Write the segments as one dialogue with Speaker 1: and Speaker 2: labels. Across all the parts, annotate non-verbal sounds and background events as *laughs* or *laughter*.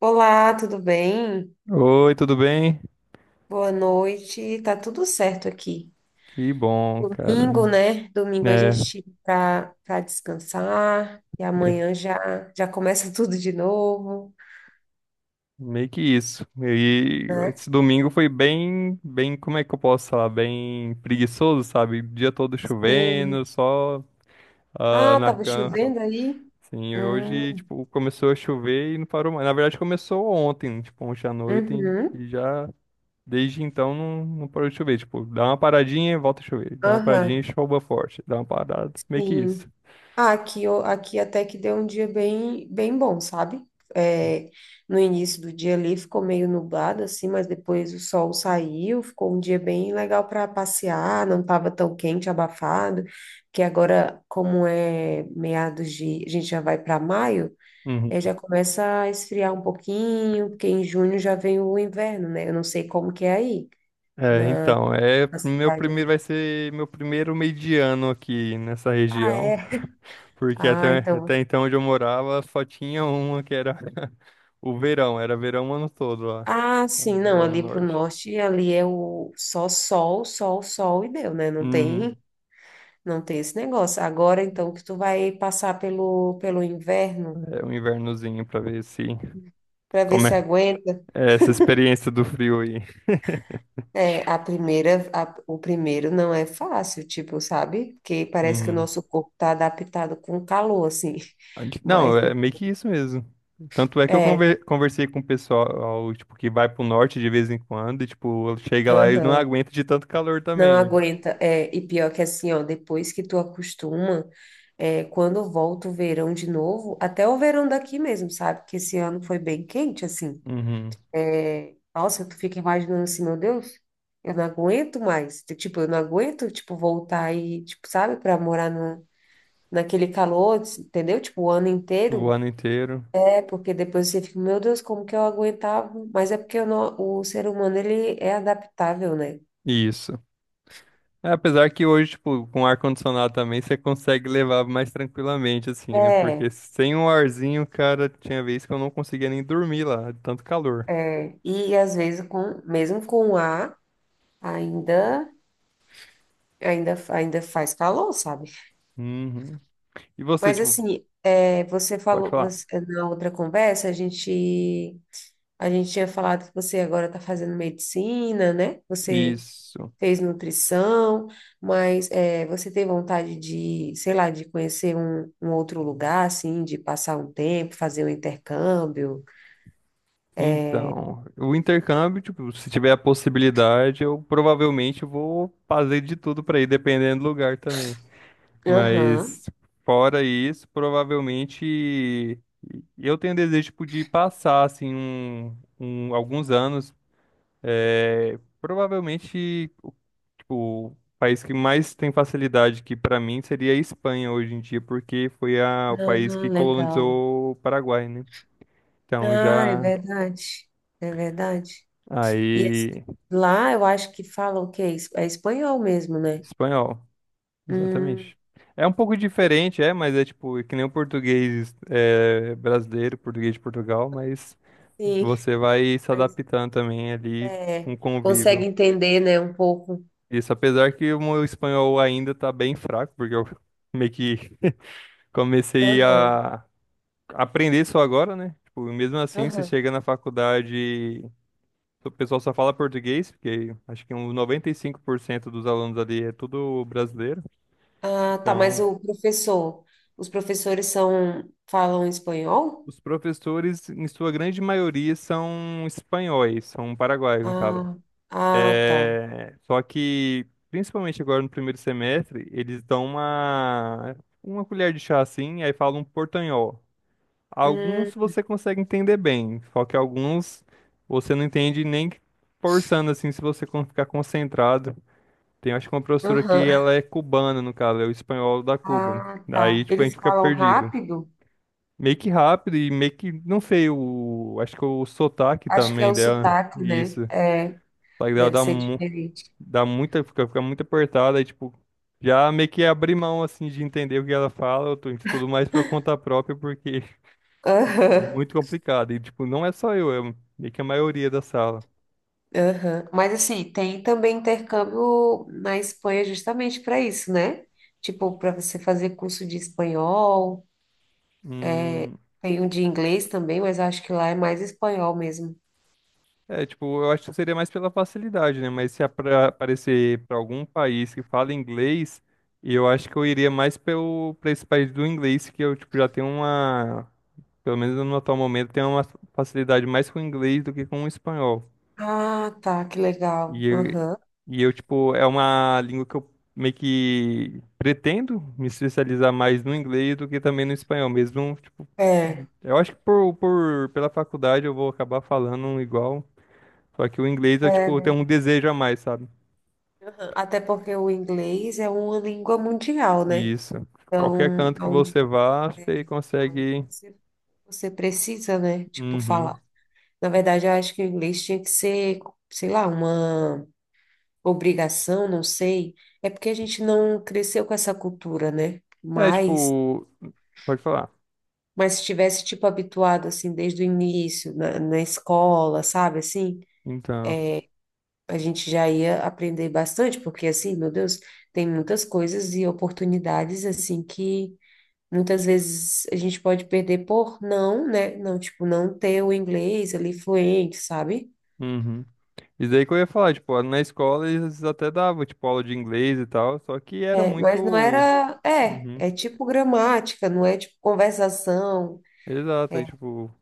Speaker 1: Olá, tudo bem?
Speaker 2: Oi, tudo bem?
Speaker 1: Boa noite. Tá tudo certo aqui.
Speaker 2: Que bom, cara.
Speaker 1: Domingo, né? Domingo a
Speaker 2: É,
Speaker 1: gente tira pra descansar e
Speaker 2: é,
Speaker 1: amanhã já já começa *laughs* tudo de novo,
Speaker 2: meio que isso. E
Speaker 1: né?
Speaker 2: esse domingo foi como é que eu posso falar? Bem preguiçoso, sabe? O dia todo chovendo,
Speaker 1: Sim.
Speaker 2: só
Speaker 1: Ah,
Speaker 2: na
Speaker 1: tava
Speaker 2: cama.
Speaker 1: chovendo aí?
Speaker 2: Assim, hoje,
Speaker 1: Hum,
Speaker 2: tipo, começou a chover e não parou mais. Na verdade, começou ontem, tipo, ontem à noite,
Speaker 1: uhum,
Speaker 2: e já desde então não parou de chover. Tipo, dá uma paradinha e volta a chover. Dá uma
Speaker 1: aham,
Speaker 2: paradinha e chova forte. Dá uma parada. Meio que isso.
Speaker 1: sim. Ah, aqui, aqui até que deu um dia bem, bem bom, sabe? É, no início do dia ali ficou meio nublado, assim, mas depois o sol saiu, ficou um dia bem legal para passear, não estava tão quente, abafado, que agora, como é meados de, a gente já vai para maio, é,
Speaker 2: Uhum.
Speaker 1: já começa a esfriar um pouquinho, porque em junho já vem o inverno, né? Eu não sei como que é aí,
Speaker 2: É, então, é
Speaker 1: na
Speaker 2: meu
Speaker 1: cidade.
Speaker 2: primeiro vai ser meu primeiro mediano aqui nessa
Speaker 1: Ah,
Speaker 2: região,
Speaker 1: é?
Speaker 2: porque
Speaker 1: Ah,
Speaker 2: até
Speaker 1: então.
Speaker 2: então onde eu morava só tinha uma que era *laughs* o verão, era verão o ano todo lá,
Speaker 1: Ah, sim, não,
Speaker 2: lá no
Speaker 1: ali para o
Speaker 2: norte.
Speaker 1: norte, ali é o só sol, sol, sol e deu, né? Não tem,
Speaker 2: Uhum.
Speaker 1: não tem esse negócio. Agora, então, que tu vai passar pelo inverno
Speaker 2: É um invernozinho pra ver se
Speaker 1: para ver
Speaker 2: como
Speaker 1: se
Speaker 2: é,
Speaker 1: aguenta.
Speaker 2: é essa experiência do frio aí. *laughs*
Speaker 1: É, o primeiro não é fácil, tipo, sabe? Porque parece que o
Speaker 2: Uhum.
Speaker 1: nosso corpo tá adaptado com calor, assim. *laughs*
Speaker 2: Não,
Speaker 1: Mas
Speaker 2: é meio que isso mesmo. Tanto é que eu
Speaker 1: é,
Speaker 2: conversei com o pessoal, tipo, que vai pro norte de vez em quando, e tipo, chega lá e eles não
Speaker 1: aham.
Speaker 2: aguentam de tanto calor
Speaker 1: Não
Speaker 2: também.
Speaker 1: aguenta. É, e pior que assim, ó, depois que tu acostuma, é, quando volta o verão de novo, até o verão daqui mesmo, sabe? Que esse ano foi bem quente, assim.
Speaker 2: Uhum.
Speaker 1: É, nossa, tu fica imaginando assim, meu Deus, eu não aguento mais. Tipo, eu não aguento, tipo, voltar e, tipo, sabe, pra morar no, naquele calor, entendeu? Tipo, o ano
Speaker 2: O
Speaker 1: inteiro.
Speaker 2: ano inteiro.
Speaker 1: É, porque depois você fica, meu Deus, como que eu aguentava? Mas é porque eu o ser humano, ele é adaptável, né?
Speaker 2: Isso. É, apesar que hoje, tipo, com ar-condicionado também, você consegue levar mais tranquilamente, assim, né? Porque
Speaker 1: É.
Speaker 2: sem um arzinho, cara, tinha vez que eu não conseguia nem dormir lá, de tanto calor.
Speaker 1: É, e às vezes mesmo com ar, ainda, ainda faz calor, sabe?
Speaker 2: Uhum. E você,
Speaker 1: Mas
Speaker 2: tipo,
Speaker 1: assim, é, você
Speaker 2: pode
Speaker 1: falou,
Speaker 2: falar?
Speaker 1: na outra conversa, a gente tinha falado que você agora está fazendo medicina, né? Você
Speaker 2: Isso.
Speaker 1: fez nutrição, mas é, você tem vontade de, sei lá, de conhecer um outro lugar, assim, de passar um tempo, fazer um intercâmbio?
Speaker 2: Então, o intercâmbio, tipo, se tiver a possibilidade, eu provavelmente vou fazer de tudo pra ir, dependendo do lugar também.
Speaker 1: Aham.
Speaker 2: Mas fora isso, provavelmente eu tenho desejo tipo, de passar assim alguns anos, é, provavelmente o tipo, o país que mais tem facilidade que para mim seria a Espanha hoje em dia, porque foi o país que
Speaker 1: Ah, legal.
Speaker 2: colonizou o Paraguai, né? Então
Speaker 1: Ah, é
Speaker 2: já
Speaker 1: verdade. É verdade. E
Speaker 2: aí
Speaker 1: lá eu acho que falam o quê? É espanhol mesmo, né?
Speaker 2: espanhol.
Speaker 1: Hum,
Speaker 2: Exatamente. É um pouco diferente, é, mas é tipo, é que nem o português é, brasileiro, português de Portugal, mas
Speaker 1: sim,
Speaker 2: você vai se
Speaker 1: mas
Speaker 2: adaptando também ali com
Speaker 1: é,
Speaker 2: o
Speaker 1: consegue
Speaker 2: convívio.
Speaker 1: entender, né, um pouco.
Speaker 2: Isso, apesar que o meu espanhol ainda tá bem fraco, porque eu *laughs* meio que comecei
Speaker 1: Aham,
Speaker 2: a aprender só agora, né? Tipo, mesmo assim, você
Speaker 1: aham.
Speaker 2: chega na faculdade, o pessoal só fala português, porque acho que uns 95% dos alunos ali é tudo brasileiro,
Speaker 1: Ah, tá, mas
Speaker 2: então.
Speaker 1: os professores são, falam espanhol?
Speaker 2: Os professores, em sua grande maioria, são espanhóis, são paraguaios, no caso.
Speaker 1: Ah, ah, tá.
Speaker 2: É, só que, principalmente agora no primeiro semestre, eles dão uma colher de chá assim, aí falam portanhol. Alguns
Speaker 1: Hum,
Speaker 2: você consegue entender bem, só que alguns você não entende nem que forçando assim, se você ficar concentrado. Tem, acho que uma professora que
Speaker 1: aham.
Speaker 2: ela é cubana, no caso, é o espanhol da Cuba.
Speaker 1: Ah, tá.
Speaker 2: Daí, tipo, a gente
Speaker 1: Eles
Speaker 2: fica
Speaker 1: falam
Speaker 2: perdido.
Speaker 1: rápido?
Speaker 2: Meio que rápido e meio que, não sei, o, acho que o sotaque
Speaker 1: Acho que é
Speaker 2: também
Speaker 1: o
Speaker 2: dela,
Speaker 1: sotaque, né?
Speaker 2: isso. O
Speaker 1: É,
Speaker 2: sotaque dela
Speaker 1: deve
Speaker 2: dá,
Speaker 1: ser diferente.
Speaker 2: dá muita, fica muito apertada, e tipo, já meio que abri mão, assim, de entender o que ela fala, tudo mais por conta própria, porque *laughs* é
Speaker 1: Aham.
Speaker 2: muito complicado, e tipo, não é só eu, é meio que a maioria da sala.
Speaker 1: Aham. Mas assim, tem também intercâmbio na Espanha justamente para isso, né? Tipo, para você fazer curso de espanhol, é,
Speaker 2: Hum,
Speaker 1: tem um de inglês também, mas acho que lá é mais espanhol mesmo.
Speaker 2: é, tipo, eu acho que seria mais pela facilidade, né, mas se aparecer pra algum país que fala inglês, eu acho que eu iria mais pra esse país do inglês, que eu, tipo, já tenho uma pelo menos no atual momento, tenho uma facilidade mais com o inglês do que com o espanhol.
Speaker 1: Ah, tá, que legal.
Speaker 2: E eu,
Speaker 1: Aham.
Speaker 2: e eu, tipo, é uma língua que eu meio que pretendo me especializar mais no inglês do que também no espanhol mesmo. Tipo,
Speaker 1: É,
Speaker 2: eu acho que pela faculdade eu vou acabar falando igual. Só que o inglês eu,
Speaker 1: é,
Speaker 2: tipo, tenho
Speaker 1: né?
Speaker 2: um desejo a mais, sabe?
Speaker 1: Aham. Até porque o inglês é uma língua mundial, né?
Speaker 2: Isso.
Speaker 1: Então,
Speaker 2: Qualquer canto que
Speaker 1: aonde,
Speaker 2: você vá, você
Speaker 1: aonde
Speaker 2: consegue.
Speaker 1: você precisa, né? Tipo,
Speaker 2: Uhum.
Speaker 1: falar. Na verdade, eu acho que o inglês tinha que ser, sei lá, uma obrigação, não sei, é porque a gente não cresceu com essa cultura, né?
Speaker 2: É,
Speaker 1: Mas,
Speaker 2: tipo, pode falar.
Speaker 1: mas se tivesse, tipo, habituado, assim, desde o início, na escola, sabe, assim,
Speaker 2: Então.
Speaker 1: a gente já ia aprender bastante, porque, assim, meu Deus, tem muitas coisas e oportunidades, assim, que muitas vezes a gente pode perder por não, né? Não, tipo, não ter o inglês ali fluente, sabe?
Speaker 2: Uhum. Isso daí que eu ia falar, tipo, na escola eles até davam, tipo, aula de inglês e tal, só que era
Speaker 1: É, mas não
Speaker 2: muito.
Speaker 1: era, é,
Speaker 2: Uhum.
Speaker 1: é tipo gramática, não é tipo conversação,
Speaker 2: Exato, aí,
Speaker 1: é,
Speaker 2: tipo,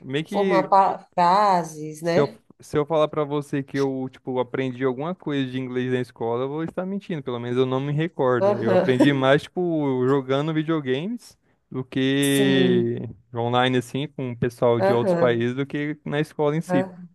Speaker 2: meio
Speaker 1: formar
Speaker 2: que
Speaker 1: frases,
Speaker 2: se eu,
Speaker 1: né?
Speaker 2: se eu falar pra você que eu, tipo, aprendi alguma coisa de inglês na escola, eu vou estar mentindo, pelo menos eu não me recordo. Eu aprendi
Speaker 1: Aham.
Speaker 2: mais, tipo, jogando videogames do
Speaker 1: Sim,
Speaker 2: que online, assim, com o pessoal de outros
Speaker 1: aham,
Speaker 2: países, do que na escola em si.
Speaker 1: aham.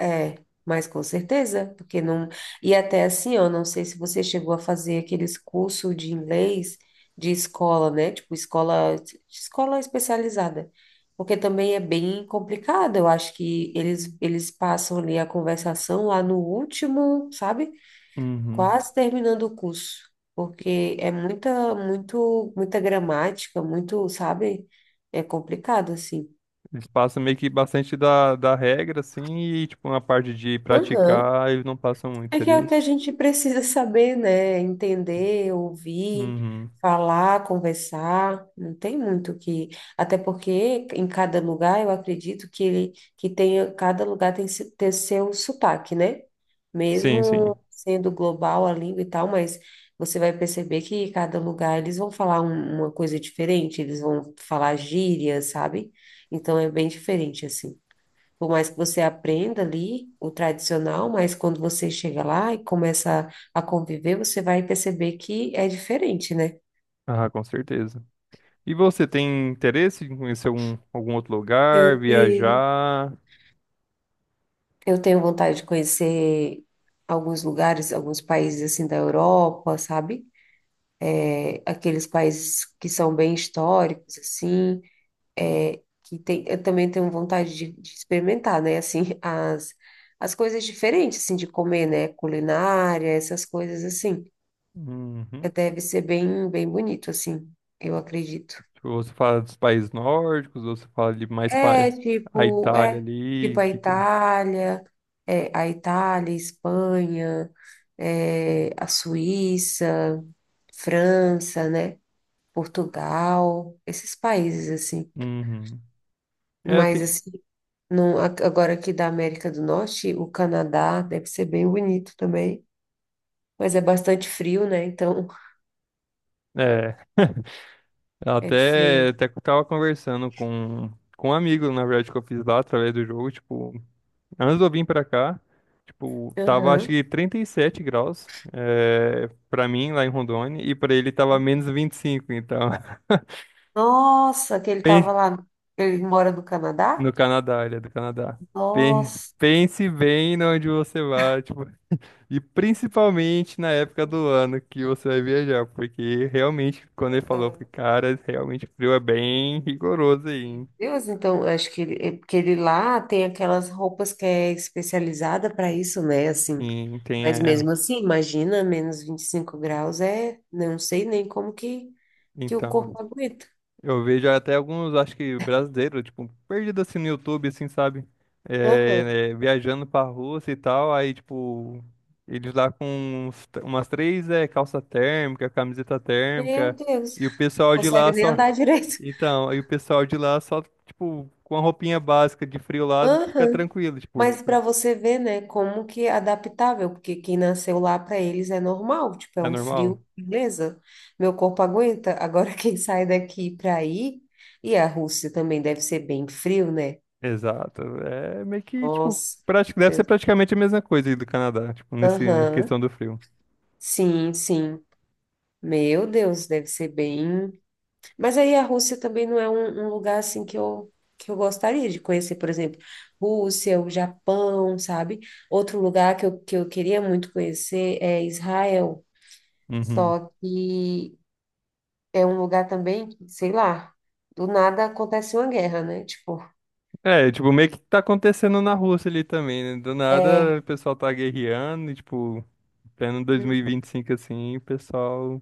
Speaker 1: É, mas com certeza, porque não. E até assim, ó, não sei se você chegou a fazer aqueles cursos de inglês de escola, né? Tipo, escola, especializada. Porque também é bem complicado. Eu acho que eles passam ali a conversação lá no último, sabe?
Speaker 2: Uhum.
Speaker 1: Quase terminando o curso, porque é muita, muito, muita gramática, muito, sabe? É complicado assim.
Speaker 2: Eles passam meio que bastante da regra, assim, e, tipo, na parte de
Speaker 1: Aham.
Speaker 2: praticar, eles não passam muito,
Speaker 1: É que é
Speaker 2: seria
Speaker 1: o que
Speaker 2: isso?
Speaker 1: a gente precisa saber, né? Entender, ouvir,
Speaker 2: Uhum.
Speaker 1: falar, conversar. Não tem muito que. Até porque em cada lugar, eu acredito que ele que tenha, cada lugar tem, tem seu sotaque, né?
Speaker 2: Sim, sim.
Speaker 1: Mesmo sendo global a língua e tal, mas você vai perceber que cada lugar eles vão falar uma coisa diferente, eles vão falar gíria, sabe? Então é bem diferente, assim. Por mais que você aprenda ali o tradicional, mas quando você chega lá e começa a conviver, você vai perceber que é diferente, né?
Speaker 2: Ah, com certeza. E você tem interesse em conhecer algum, algum outro
Speaker 1: Eu
Speaker 2: lugar,
Speaker 1: tenho,
Speaker 2: viajar?
Speaker 1: eu tenho vontade de conhecer alguns lugares, alguns países assim da Europa, sabe? É, aqueles países que são bem históricos, assim, é, que tem, eu também tenho vontade de experimentar, né? Assim, *laughs* as coisas diferentes, assim, de comer, né? Culinária, essas coisas assim.
Speaker 2: Uhum.
Speaker 1: Deve ser bem, bem bonito, assim, eu acredito.
Speaker 2: Tipo, você fala dos países nórdicos, você fala de mais
Speaker 1: É,
Speaker 2: pa... a
Speaker 1: tipo,
Speaker 2: Itália ali,
Speaker 1: a
Speaker 2: que tem.
Speaker 1: Itália, é, a Itália, Espanha, é, a Suíça, França, né? Portugal, esses países, assim.
Speaker 2: Uhum. É,
Speaker 1: Mas,
Speaker 2: tem...
Speaker 1: assim, não, agora aqui da América do Norte, o Canadá deve ser bem bonito também. Mas é bastante frio, né? Então,
Speaker 2: é, eu
Speaker 1: é diferente.
Speaker 2: até que eu tava conversando com um amigo, na verdade, que eu fiz lá através do jogo, tipo. Antes de eu vir pra cá, tipo, tava acho
Speaker 1: Aham.
Speaker 2: que 37 graus, é, pra mim lá em Rondônia, e pra ele tava menos 25, então. *laughs*
Speaker 1: Nossa, que ele estava
Speaker 2: Pen-
Speaker 1: lá, ele mora no Canadá?
Speaker 2: No Canadá, ele é do Canadá.
Speaker 1: Nossa.
Speaker 2: Pense bem no onde você vai, tipo, e principalmente na época do ano que você vai viajar, porque realmente, quando ele falou, eu
Speaker 1: Aham.
Speaker 2: falei, cara, realmente o frio é bem rigoroso aí,
Speaker 1: Meu
Speaker 2: hein?
Speaker 1: Deus, então, eu acho que ele, é porque ele lá tem aquelas roupas que é especializada para isso, né? Assim,
Speaker 2: Sim, tem,
Speaker 1: mas
Speaker 2: é,
Speaker 1: mesmo assim, imagina, -25 graus é, não sei nem como que o
Speaker 2: então.
Speaker 1: corpo aguenta.
Speaker 2: Eu vejo até alguns, acho que brasileiros, tipo, perdido assim no YouTube, assim, sabe?
Speaker 1: Aham.
Speaker 2: Viajando pra Rússia e tal, aí, tipo, eles lá com umas três é, calça térmica, camiseta
Speaker 1: Meu
Speaker 2: térmica,
Speaker 1: Deus,
Speaker 2: e o pessoal de
Speaker 1: consegue
Speaker 2: lá
Speaker 1: nem
Speaker 2: só.
Speaker 1: andar direito.
Speaker 2: Então, aí o pessoal de lá só, tipo, com a roupinha básica de frio lá, fica
Speaker 1: Aham.
Speaker 2: tranquilo, tipo,
Speaker 1: Mas para você ver, né, como que é adaptável, porque quem nasceu lá para eles é normal, tipo, é
Speaker 2: é
Speaker 1: um
Speaker 2: normal?
Speaker 1: frio, beleza, meu corpo aguenta. Agora *laughs* quem sai daqui para aí, e a Rússia também deve ser bem frio, né?
Speaker 2: Exato. É meio que, tipo,
Speaker 1: Nossa,
Speaker 2: deve
Speaker 1: meu
Speaker 2: ser
Speaker 1: Deus.
Speaker 2: praticamente a mesma coisa aí do Canadá, tipo, nesse, na questão
Speaker 1: Aham.
Speaker 2: do frio.
Speaker 1: Sim, sim. Meu Deus, deve ser bem. Mas aí a Rússia também não é um lugar assim que eu gostaria de conhecer, por exemplo, Rússia, o Japão, sabe? Outro lugar que eu queria muito conhecer é Israel.
Speaker 2: Uhum.
Speaker 1: Só que é um lugar também que, sei lá, do nada acontece uma guerra, né? Tipo,
Speaker 2: É, tipo, meio que tá acontecendo na Rússia ali também, né? Do
Speaker 1: é,
Speaker 2: nada o pessoal tá guerreando e, tipo, pleno
Speaker 1: uhum,
Speaker 2: 2025 assim, o pessoal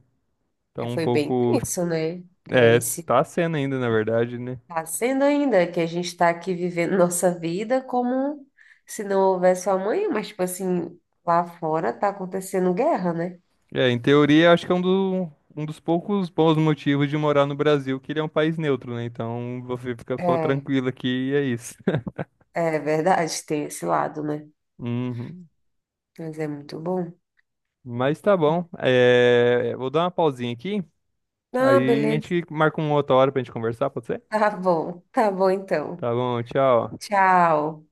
Speaker 2: tá
Speaker 1: é,
Speaker 2: um
Speaker 1: foi bem
Speaker 2: pouco.
Speaker 1: tenso, né? É,
Speaker 2: É,
Speaker 1: esse
Speaker 2: tá sendo ainda, na verdade, né?
Speaker 1: tá sendo ainda que a gente está aqui vivendo *laughs* nossa vida como se não houvesse amanhã, mas tipo assim, lá fora tá acontecendo guerra, né?
Speaker 2: É, em teoria, acho que é um dos poucos bons motivos de morar no Brasil, que ele é um país neutro, né? Então você fica só
Speaker 1: É,
Speaker 2: tranquilo aqui e é isso. *laughs*
Speaker 1: é verdade, tem esse lado, né?
Speaker 2: Uhum.
Speaker 1: Mas é muito bom.
Speaker 2: Mas tá bom. É, vou dar uma pausinha aqui.
Speaker 1: Ah,
Speaker 2: Aí a
Speaker 1: beleza.
Speaker 2: gente
Speaker 1: *laughs*
Speaker 2: marca uma outra hora pra gente conversar, pode ser?
Speaker 1: Tá bom então.
Speaker 2: Tá bom, tchau.
Speaker 1: Tchau.